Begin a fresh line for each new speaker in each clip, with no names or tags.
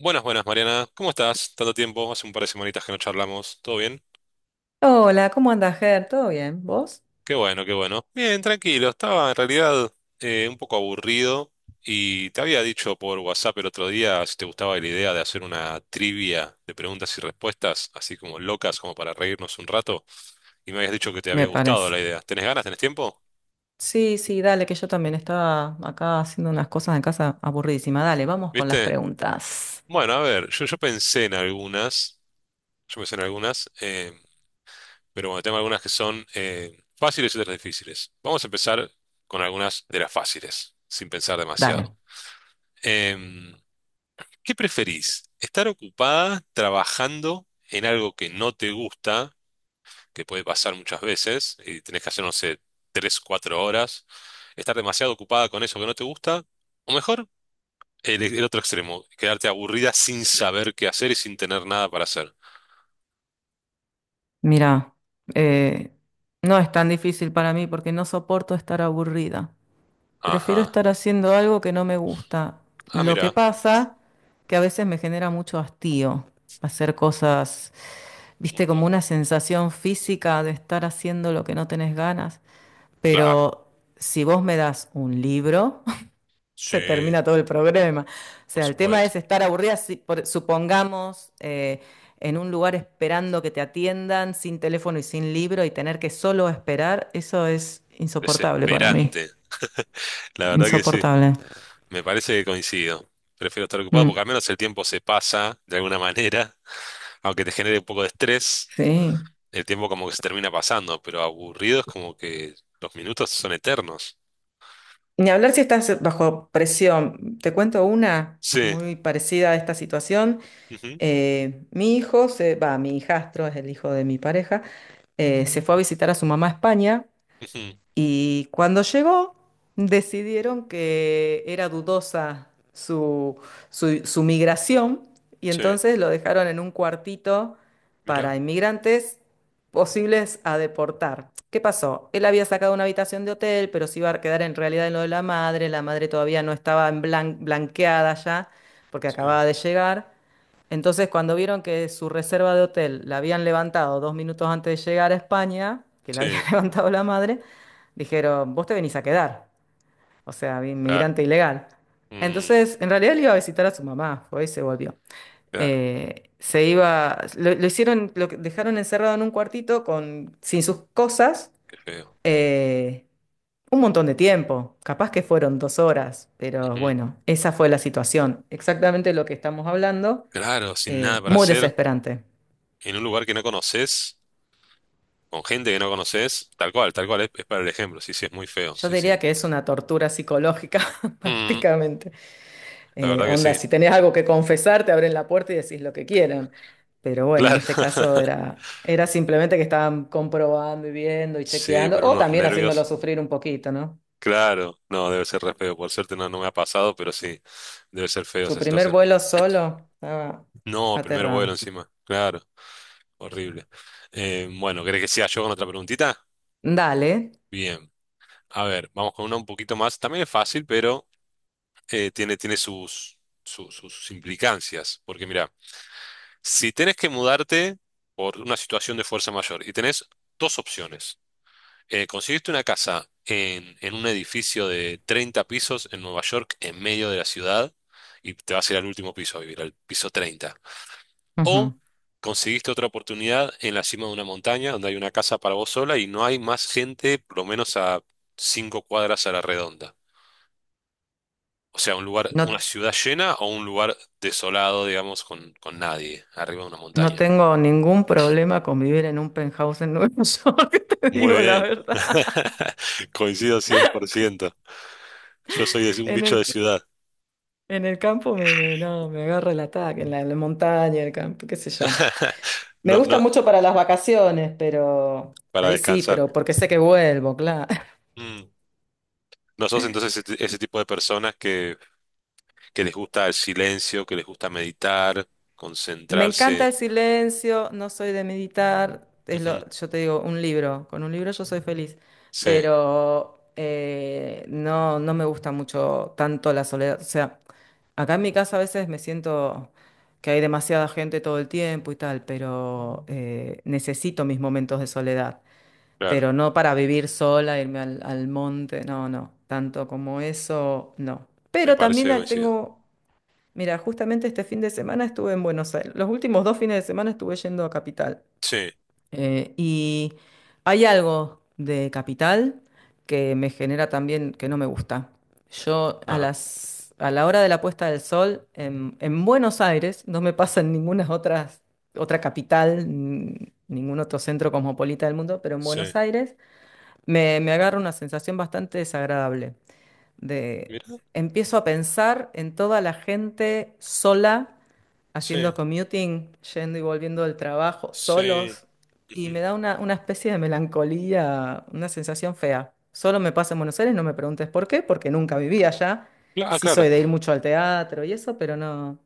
Buenas, buenas, Mariana. ¿Cómo estás? Tanto tiempo, hace un par de semanitas que no charlamos. ¿Todo bien?
Hola, ¿cómo andas, Ger? ¿Todo bien? ¿Vos?
Qué bueno, qué bueno. Bien, tranquilo. Estaba en realidad un poco aburrido y te había dicho por WhatsApp el otro día si te gustaba la idea de hacer una trivia de preguntas y respuestas, así como locas, como para reírnos un rato. Y me habías dicho que te
Me
había gustado
parece.
la idea. ¿Tenés ganas? ¿Tenés tiempo?
Sí, sí, dale, que yo también estaba acá haciendo unas cosas en casa aburridísima. Dale, vamos con las
¿Viste?
preguntas.
Bueno, a ver, yo pensé en algunas. Yo pensé en algunas. Pero bueno, tengo algunas que son fáciles y otras difíciles. Vamos a empezar con algunas de las fáciles, sin pensar
Dale.
demasiado. Em, ¿qué preferís? ¿Estar ocupada trabajando en algo que no te gusta, que puede pasar muchas veces, y tenés que hacer, no sé, 3, 4 horas? ¿Estar demasiado ocupada con eso que no te gusta? O mejor, el otro extremo, quedarte aburrida sin saber qué hacer y sin tener nada para hacer.
Mira, eh, no es tan difícil para mí porque no soporto estar aburrida. Prefiero
Ajá.
estar haciendo algo que no me gusta.
Ah,
Lo que
mira.
pasa que a veces me genera mucho hastío hacer cosas, viste,
Ujú.
como una sensación física de estar haciendo lo que no tenés ganas.
Claro.
Pero si vos me das un libro, se
Sí,
termina todo el problema. O
por
sea, el tema
supuesto.
es estar aburrida, supongamos, en un lugar esperando que te atiendan, sin teléfono y sin libro, y tener que solo esperar, eso es insoportable para mí.
Desesperante. La verdad que sí.
Insoportable.
Me parece que coincido. Prefiero estar ocupado porque
Mm,
al menos el tiempo se pasa de alguna manera. Aunque te genere un poco de estrés,
sí.
el tiempo como que se termina pasando, pero aburrido es como que los minutos son eternos.
Ni hablar si estás bajo presión. Te cuento una
Sí.
muy parecida a esta situación.
Ujú,
Mi hijo, mi hijastro es el hijo de mi pareja, se fue a visitar a su mamá a España
ujú.
y cuando llegó decidieron que era dudosa su migración y
Sí.
entonces lo dejaron en un cuartito para
Mira.
inmigrantes posibles a deportar. ¿Qué pasó? Él había sacado una habitación de hotel, pero se iba a quedar en realidad en lo de la madre todavía no estaba en blanqueada ya porque
Sí.
acababa de llegar. Entonces, cuando vieron que su reserva de hotel la habían levantado 2 minutos antes de llegar a España, que la había
Sí.
levantado la madre, dijeron, vos te venís a quedar, o sea,
Claro.
inmigrante ilegal.
Mm,
Entonces, en realidad él iba a visitar a su mamá, fue y se volvió.
claro,
Se iba, lo hicieron, dejaron encerrado en un cuartito sin sus cosas,
qué feo.
eh, un montón de tiempo, capaz que fueron 2 horas, pero
Ujú.
bueno, esa fue la situación, exactamente lo que estamos hablando,
Claro, sin nada para
muy
hacer,
desesperante.
en un lugar que no conoces, con gente que no conoces, tal cual, es para el ejemplo. Sí, sí, es muy feo.
Yo
Sí, sí.
diría que es una tortura psicológica
mm,
prácticamente.
La verdad que
Onda,
sí.
si tenés algo que confesar, te abren la puerta y decís lo que quieran. Pero bueno, en
Claro.
este caso era simplemente que estaban comprobando y viendo y
Sí,
chequeando,
pero
o
unos
también haciéndolo
nervios.
sufrir un poquito, ¿no?
Claro. No, debe ser re feo. Por suerte no, no me ha pasado, pero sí, debe ser feo
Su
esa
primer
situación.
vuelo solo estaba
No, primer vuelo
aterrado.
encima. Claro. Horrible. Bueno, ¿querés que sea yo con otra preguntita?
Dale.
Bien. A ver, vamos con una un poquito más. También es fácil, pero tiene sus implicancias. Porque mira, si tenés que mudarte por una situación de fuerza mayor y tenés dos opciones. Conseguiste una casa en un edificio de 30 pisos en Nueva York, en medio de la ciudad, y te vas a ir al último piso a vivir, al piso 30. O
Ujú.
conseguiste otra oportunidad en la cima de una montaña donde hay una casa para vos sola y no hay más gente, por lo menos a 5 cuadras a la redonda. O sea, un lugar, una
No,
ciudad llena o un lugar desolado, digamos, con nadie, arriba de una
no
montaña.
tengo ningún problema con vivir en un penthouse en Nueva York, te
Muy
digo la
bien.
verdad.
Coincido 100%. Yo soy un
En
bicho de
el
ciudad.
En el campo no, me agarra el ataque, en la montaña, el campo, qué sé yo. Me
No,
gusta
no,
mucho para las vacaciones, pero
para
ahí sí,
descansar.
pero porque sé que vuelvo, claro.
Mm. ¿No sos entonces ese tipo de personas que, les gusta el silencio, que les gusta meditar,
Me encanta
concentrarse?
el silencio, no soy de meditar, es lo,
Ujú.
yo te digo, un libro, con un libro yo soy feliz,
Sí,
pero no, no me gusta mucho tanto la soledad. O sea, acá en mi casa a veces me siento que hay demasiada gente todo el tiempo y tal, pero necesito mis momentos de soledad.
claro,
Pero no para vivir sola, irme al monte, no, no, tanto como eso, no.
me
Pero
parece
también
que coincido.
tengo, mira, justamente este fin de semana estuve en Buenos Aires, los últimos 2 fines de semana estuve yendo a Capital.
Sí,
Y hay algo de Capital que me genera también que no me gusta. Yo
ah,
a la hora de la puesta del sol en Buenos Aires, no me pasa en otra capital, ningún otro centro cosmopolita del mundo, pero en
sí,
Buenos Aires me agarra una sensación bastante desagradable de
mira,
empiezo a pensar en toda la gente sola,
sí,
haciendo commuting, yendo y volviendo del trabajo,
sí.
solos, y me
Ujú.
da una especie de melancolía, una sensación fea. Solo me pasa en Buenos Aires, no me preguntes por qué, porque nunca viví allá.
Ah,
Sí soy
claro,
de ir mucho al teatro y eso, pero no.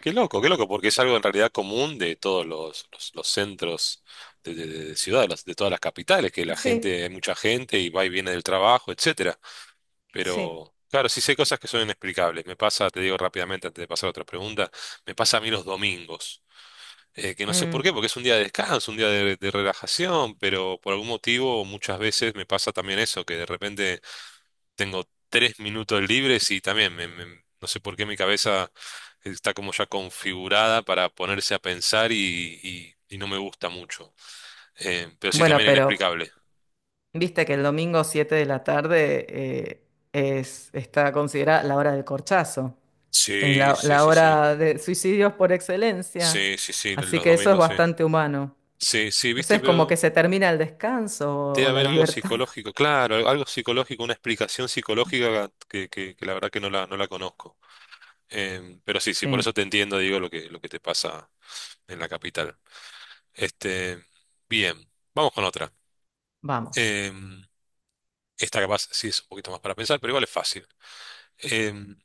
qué loco, porque es algo en realidad común de todos los centros de ciudad, de todas las capitales, que la
Sí,
gente, hay mucha gente y va y viene del trabajo, etcétera.
sí.
Pero, claro, sí sé cosas que son inexplicables. Me pasa, te digo rápidamente antes de pasar a otra pregunta, me pasa a mí los domingos, que no sé por qué,
Mm.
porque es un día de descanso, un día de relajación, pero por algún motivo muchas veces me pasa también eso, que de repente tengo 3 minutos libres y también no sé por qué mi cabeza está como ya configurada para ponerse a pensar y, y no me gusta mucho. Pero sí,
Bueno,
también
pero
inexplicable.
viste que el domingo 7 de la tarde está considerada la hora del corchazo, es
Sí,
la,
sí,
la
sí, sí.
hora de suicidios por excelencia,
Sí, sí, sí,
así
los
que eso es
domingos sí.
bastante humano.
Sí, sí,
No sé,
viste,
es como
pero
que se termina el descanso o,
debe
o la
haber algo
libertad.
psicológico, claro, algo psicológico, una explicación psicológica que la verdad que no la conozco. Pero sí, sí, por
Sí,
eso te entiendo, digo, lo que te pasa en la capital. Este, bien, vamos con otra.
vamos.
Em, esta capaz sí es un poquito más para pensar, pero igual es fácil. Em,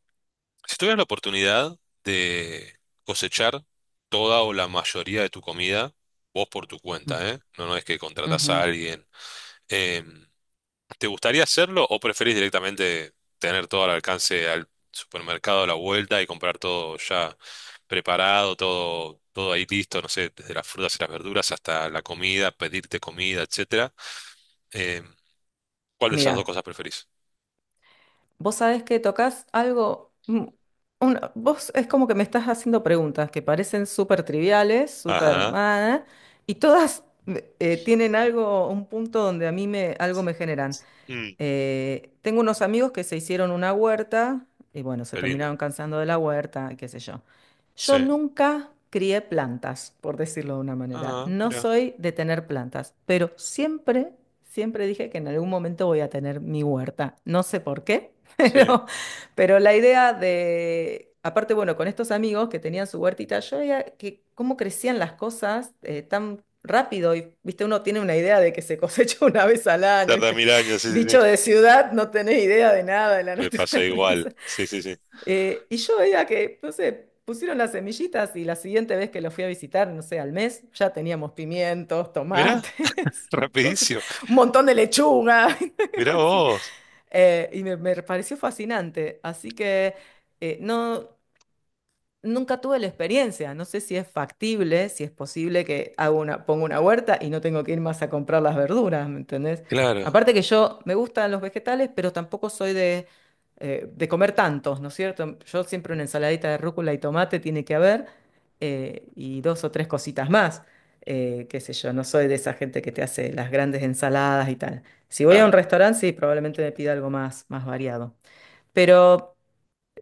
si tuvieras la oportunidad de cosechar toda o la mayoría de tu comida, vos por tu
Mm,
cuenta, ¿eh? No, no es que contratás a
ujú.
alguien. Em, ¿Te gustaría hacerlo o preferís directamente tener todo al alcance al supermercado a la vuelta y comprar todo ya preparado, todo, todo ahí listo, no sé, desde las frutas y las verduras hasta la comida, pedirte comida, etcétera? Eh, ¿cuál de esas dos
Mira.
cosas preferís?
Vos sabés que tocas algo, vos es como que me estás haciendo preguntas que parecen súper triviales, súper,
Ajá.
ah, y todas tienen algo, un punto donde a mí me, algo me generan.
Mm,
Tengo unos amigos que se hicieron una huerta y bueno, se
qué
terminaron
lindo.
cansando de la huerta, qué sé yo.
Sí.
Yo nunca crié plantas, por decirlo de una manera.
Ah,
No
mira.
soy de tener plantas, pero siempre, siempre dije que en algún momento voy a tener mi huerta. No sé por qué,
Sí.
pero la idea de, aparte, bueno, con estos amigos que tenían su huertita, yo veía que cómo crecían las cosas tan rápido y, viste, uno tiene una idea de que se cosecha una vez al año,
Tarda
¿viste?
mil años, sí, sí,
Bicho
sí.
de ciudad, no tenés idea de nada de la
Me pasa igual.
naturaleza.
Sí, sí, sí.
Y yo veía que, no sé, pusieron las semillitas y la siguiente vez que lo fui a visitar, no sé, al mes, ya teníamos pimientos,
Mira,
tomates, cosas,
rapidísimo.
un montón de lechuga.
Mira
Así.
vos.
Y me pareció fascinante. Así que no. Nunca tuve la experiencia, no sé si es factible, si es posible que haga una, ponga una huerta y no tengo que ir más a comprar las verduras, ¿me entendés?
Claro,
Aparte que yo me gustan los vegetales, pero tampoco soy de comer tantos, ¿no es cierto? Yo siempre una ensaladita de rúcula y tomate tiene que haber, y dos o tres cositas más, qué sé yo, no soy de esa gente que te hace las grandes ensaladas y tal. Si voy a
claro.
un restaurante, sí, probablemente me pida algo más, más variado. Pero...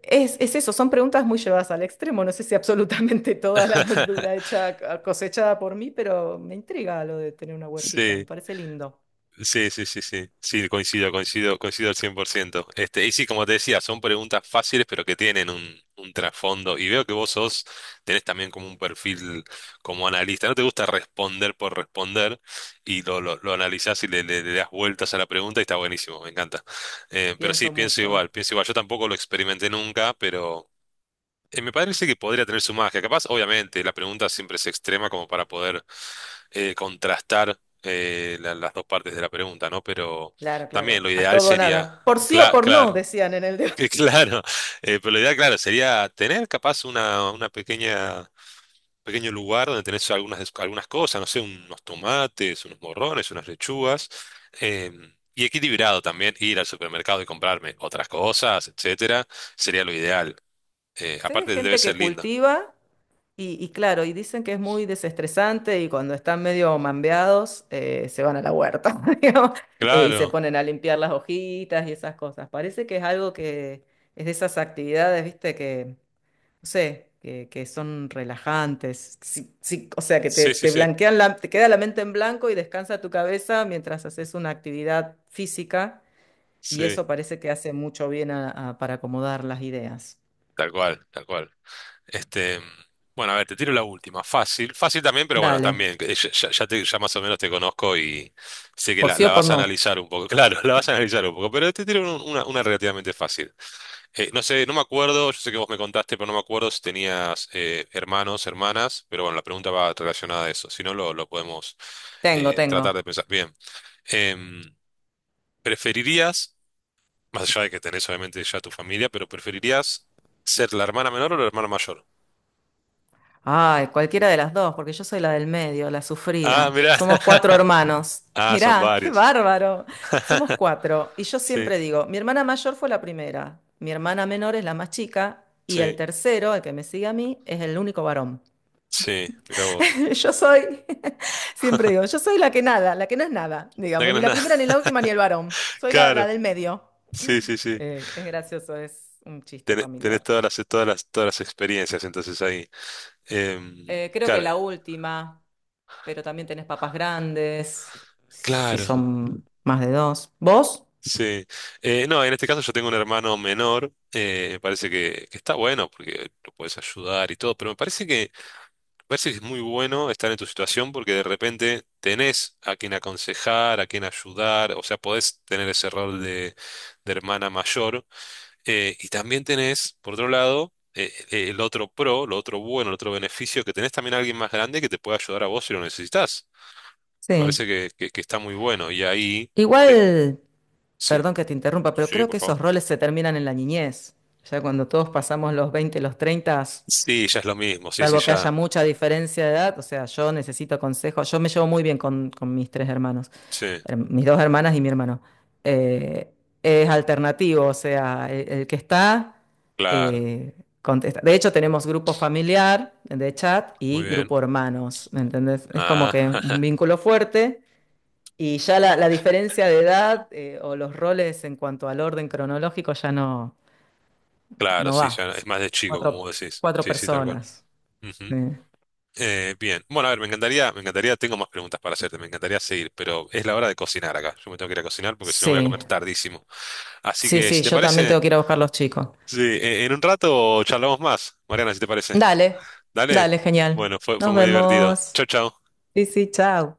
Es eso, son preguntas muy llevadas al extremo. No sé si absolutamente toda la verdura hecha, ah, cosechada por mí, pero me intriga lo de tener una huertita. Me
Sí.
parece lindo.
Sí, sí, sí, sí, sí, coincido, coincido, coincido al 100%. Este, y sí, como te decía, son preguntas fáciles, pero que tienen un trasfondo. Y veo que vos sos, tenés también como un perfil como analista. No te gusta responder por responder y lo analizás y le das vueltas a la pregunta y está buenísimo, me encanta. Pero sí,
Pienso
pienso
mucho.
igual, pienso igual. Yo tampoco lo experimenté nunca, pero me parece que podría tener su magia. Capaz, obviamente, la pregunta siempre es extrema como para poder contrastar las dos partes de la pregunta, ¿no? Pero
Claro, claro.
también lo
A
ideal
todo o nada.
sería,
Por sí o por no,
claro,
decían en el debate.
que claro, pero lo ideal, claro, sería tener capaz una pequeño lugar donde tenés algunas cosas, no sé, unos tomates, unos morrones, unas lechugas, y equilibrado también ir al supermercado y comprarme otras cosas, etcétera, sería lo ideal. Eh,
Sé de
aparte debe
gente que
ser lindo.
cultiva y claro, y dicen que es muy desestresante y cuando están medio mambeados se van a la huerta, digamos, y se
Claro,
ponen a limpiar las hojitas y esas cosas. Parece que es algo que es de esas actividades, viste, que no sé, que son relajantes, sí, o sea, que te,
sí, sí,
te
sí,
blanquean la, te queda la mente en blanco y descansa tu cabeza mientras haces una actividad física y
sí,
eso parece que hace mucho bien para acomodar las ideas.
tal cual, tal cual. Este, bueno, a ver, te tiro la última. Fácil, fácil también, pero bueno,
Dale,
también, que ya más o menos te conozco y sé que
por
la,
sí
la
o por
vas a
no.
analizar un poco. Claro, la vas a analizar un poco, pero te tiro una relativamente fácil. No sé, no me acuerdo, yo sé que vos me contaste, pero no me acuerdo si tenías hermanos, hermanas, pero bueno, la pregunta va relacionada a eso. Si no, lo podemos
Tengo, tengo.
tratar de pensar. Bien. Em, ¿preferirías, más allá de que tenés obviamente ya tu familia, pero preferirías ser la hermana menor o la hermana mayor?
Ay, cualquiera de las dos, porque yo soy la del medio, la
Ah,
sufrida.
mirá.
Somos cuatro hermanos.
Ah, son
Mirá, qué
varios.
bárbaro. Somos cuatro. Y yo
Sí,
siempre digo, mi hermana mayor fue la primera, mi hermana menor es la más chica y el
sí,
tercero, el que me sigue a mí, es el único varón.
sí, mira vos.
Yo soy, siempre digo, yo soy la que nada, la que no es nada,
No que
digamos,
no
ni
es
la
nada.
primera, ni la última, ni el varón. Soy la, la
Claro,
del medio.
sí, sí, sí.
Es gracioso, es un chiste
Tenés
familiar.
todas las experiencias entonces ahí. Em,
Creo que
claro,
la última, pero también tenés papas grandes, si
claro,
son más de dos. ¿Vos?
sí. No, en este caso yo tengo un hermano menor. Me parece que está bueno porque lo puedes ayudar y todo, pero me parece que es muy bueno estar en tu situación porque de repente tenés a quien aconsejar, a quien ayudar, o sea, podés tener ese rol de hermana mayor. Y también tenés, por otro lado, el otro pro, lo otro bueno, el otro beneficio, que tenés también a alguien más grande que te puede ayudar a vos si lo necesitas. Me
Sí.
parece que está muy bueno. Y ahí, te-
Igual,
sí,
perdón que te interrumpa, pero
sí,
creo
por
que
favor.
esos roles se terminan en la niñez. Ya cuando todos pasamos los 20 los 30,
Sí, ya es lo mismo, sí, sí,
salvo que haya
ya.
mucha diferencia de edad, o sea, yo necesito consejos. Yo me llevo muy bien con mis tres hermanos,
Sí,
mis dos hermanas y mi hermano. Eh, es alternativo, o sea, el que está
claro,
eh, contesta. De hecho, tenemos grupo familiar de chat
muy
y
bien.
grupo hermanos, ¿me entendés? Es como
Ah,
que un vínculo fuerte y ya la diferencia de edad o los roles en cuanto al orden cronológico ya no,
claro,
no
sí,
va.
ya es
Son
más de chico, como
cuatro,
vos decís.
cuatro
Sí, sí, tal cual.
personas.
Ujú.
eh.
Bien, bueno, a ver, me encantaría, tengo más preguntas para hacerte, me encantaría seguir, pero es la hora de cocinar acá. Yo me tengo que ir a cocinar porque si no voy a comer
Sí,
tardísimo. Así
sí,
que,
sí,
si te
yo también
parece...
tengo que ir a buscar los chicos.
Sí, en un rato charlamos más, Mariana, si te parece.
Dale,
Dale.
dale, genial.
Bueno, fue
Nos
muy divertido.
vemos.
Chau, chau.
Sí, sí, chao.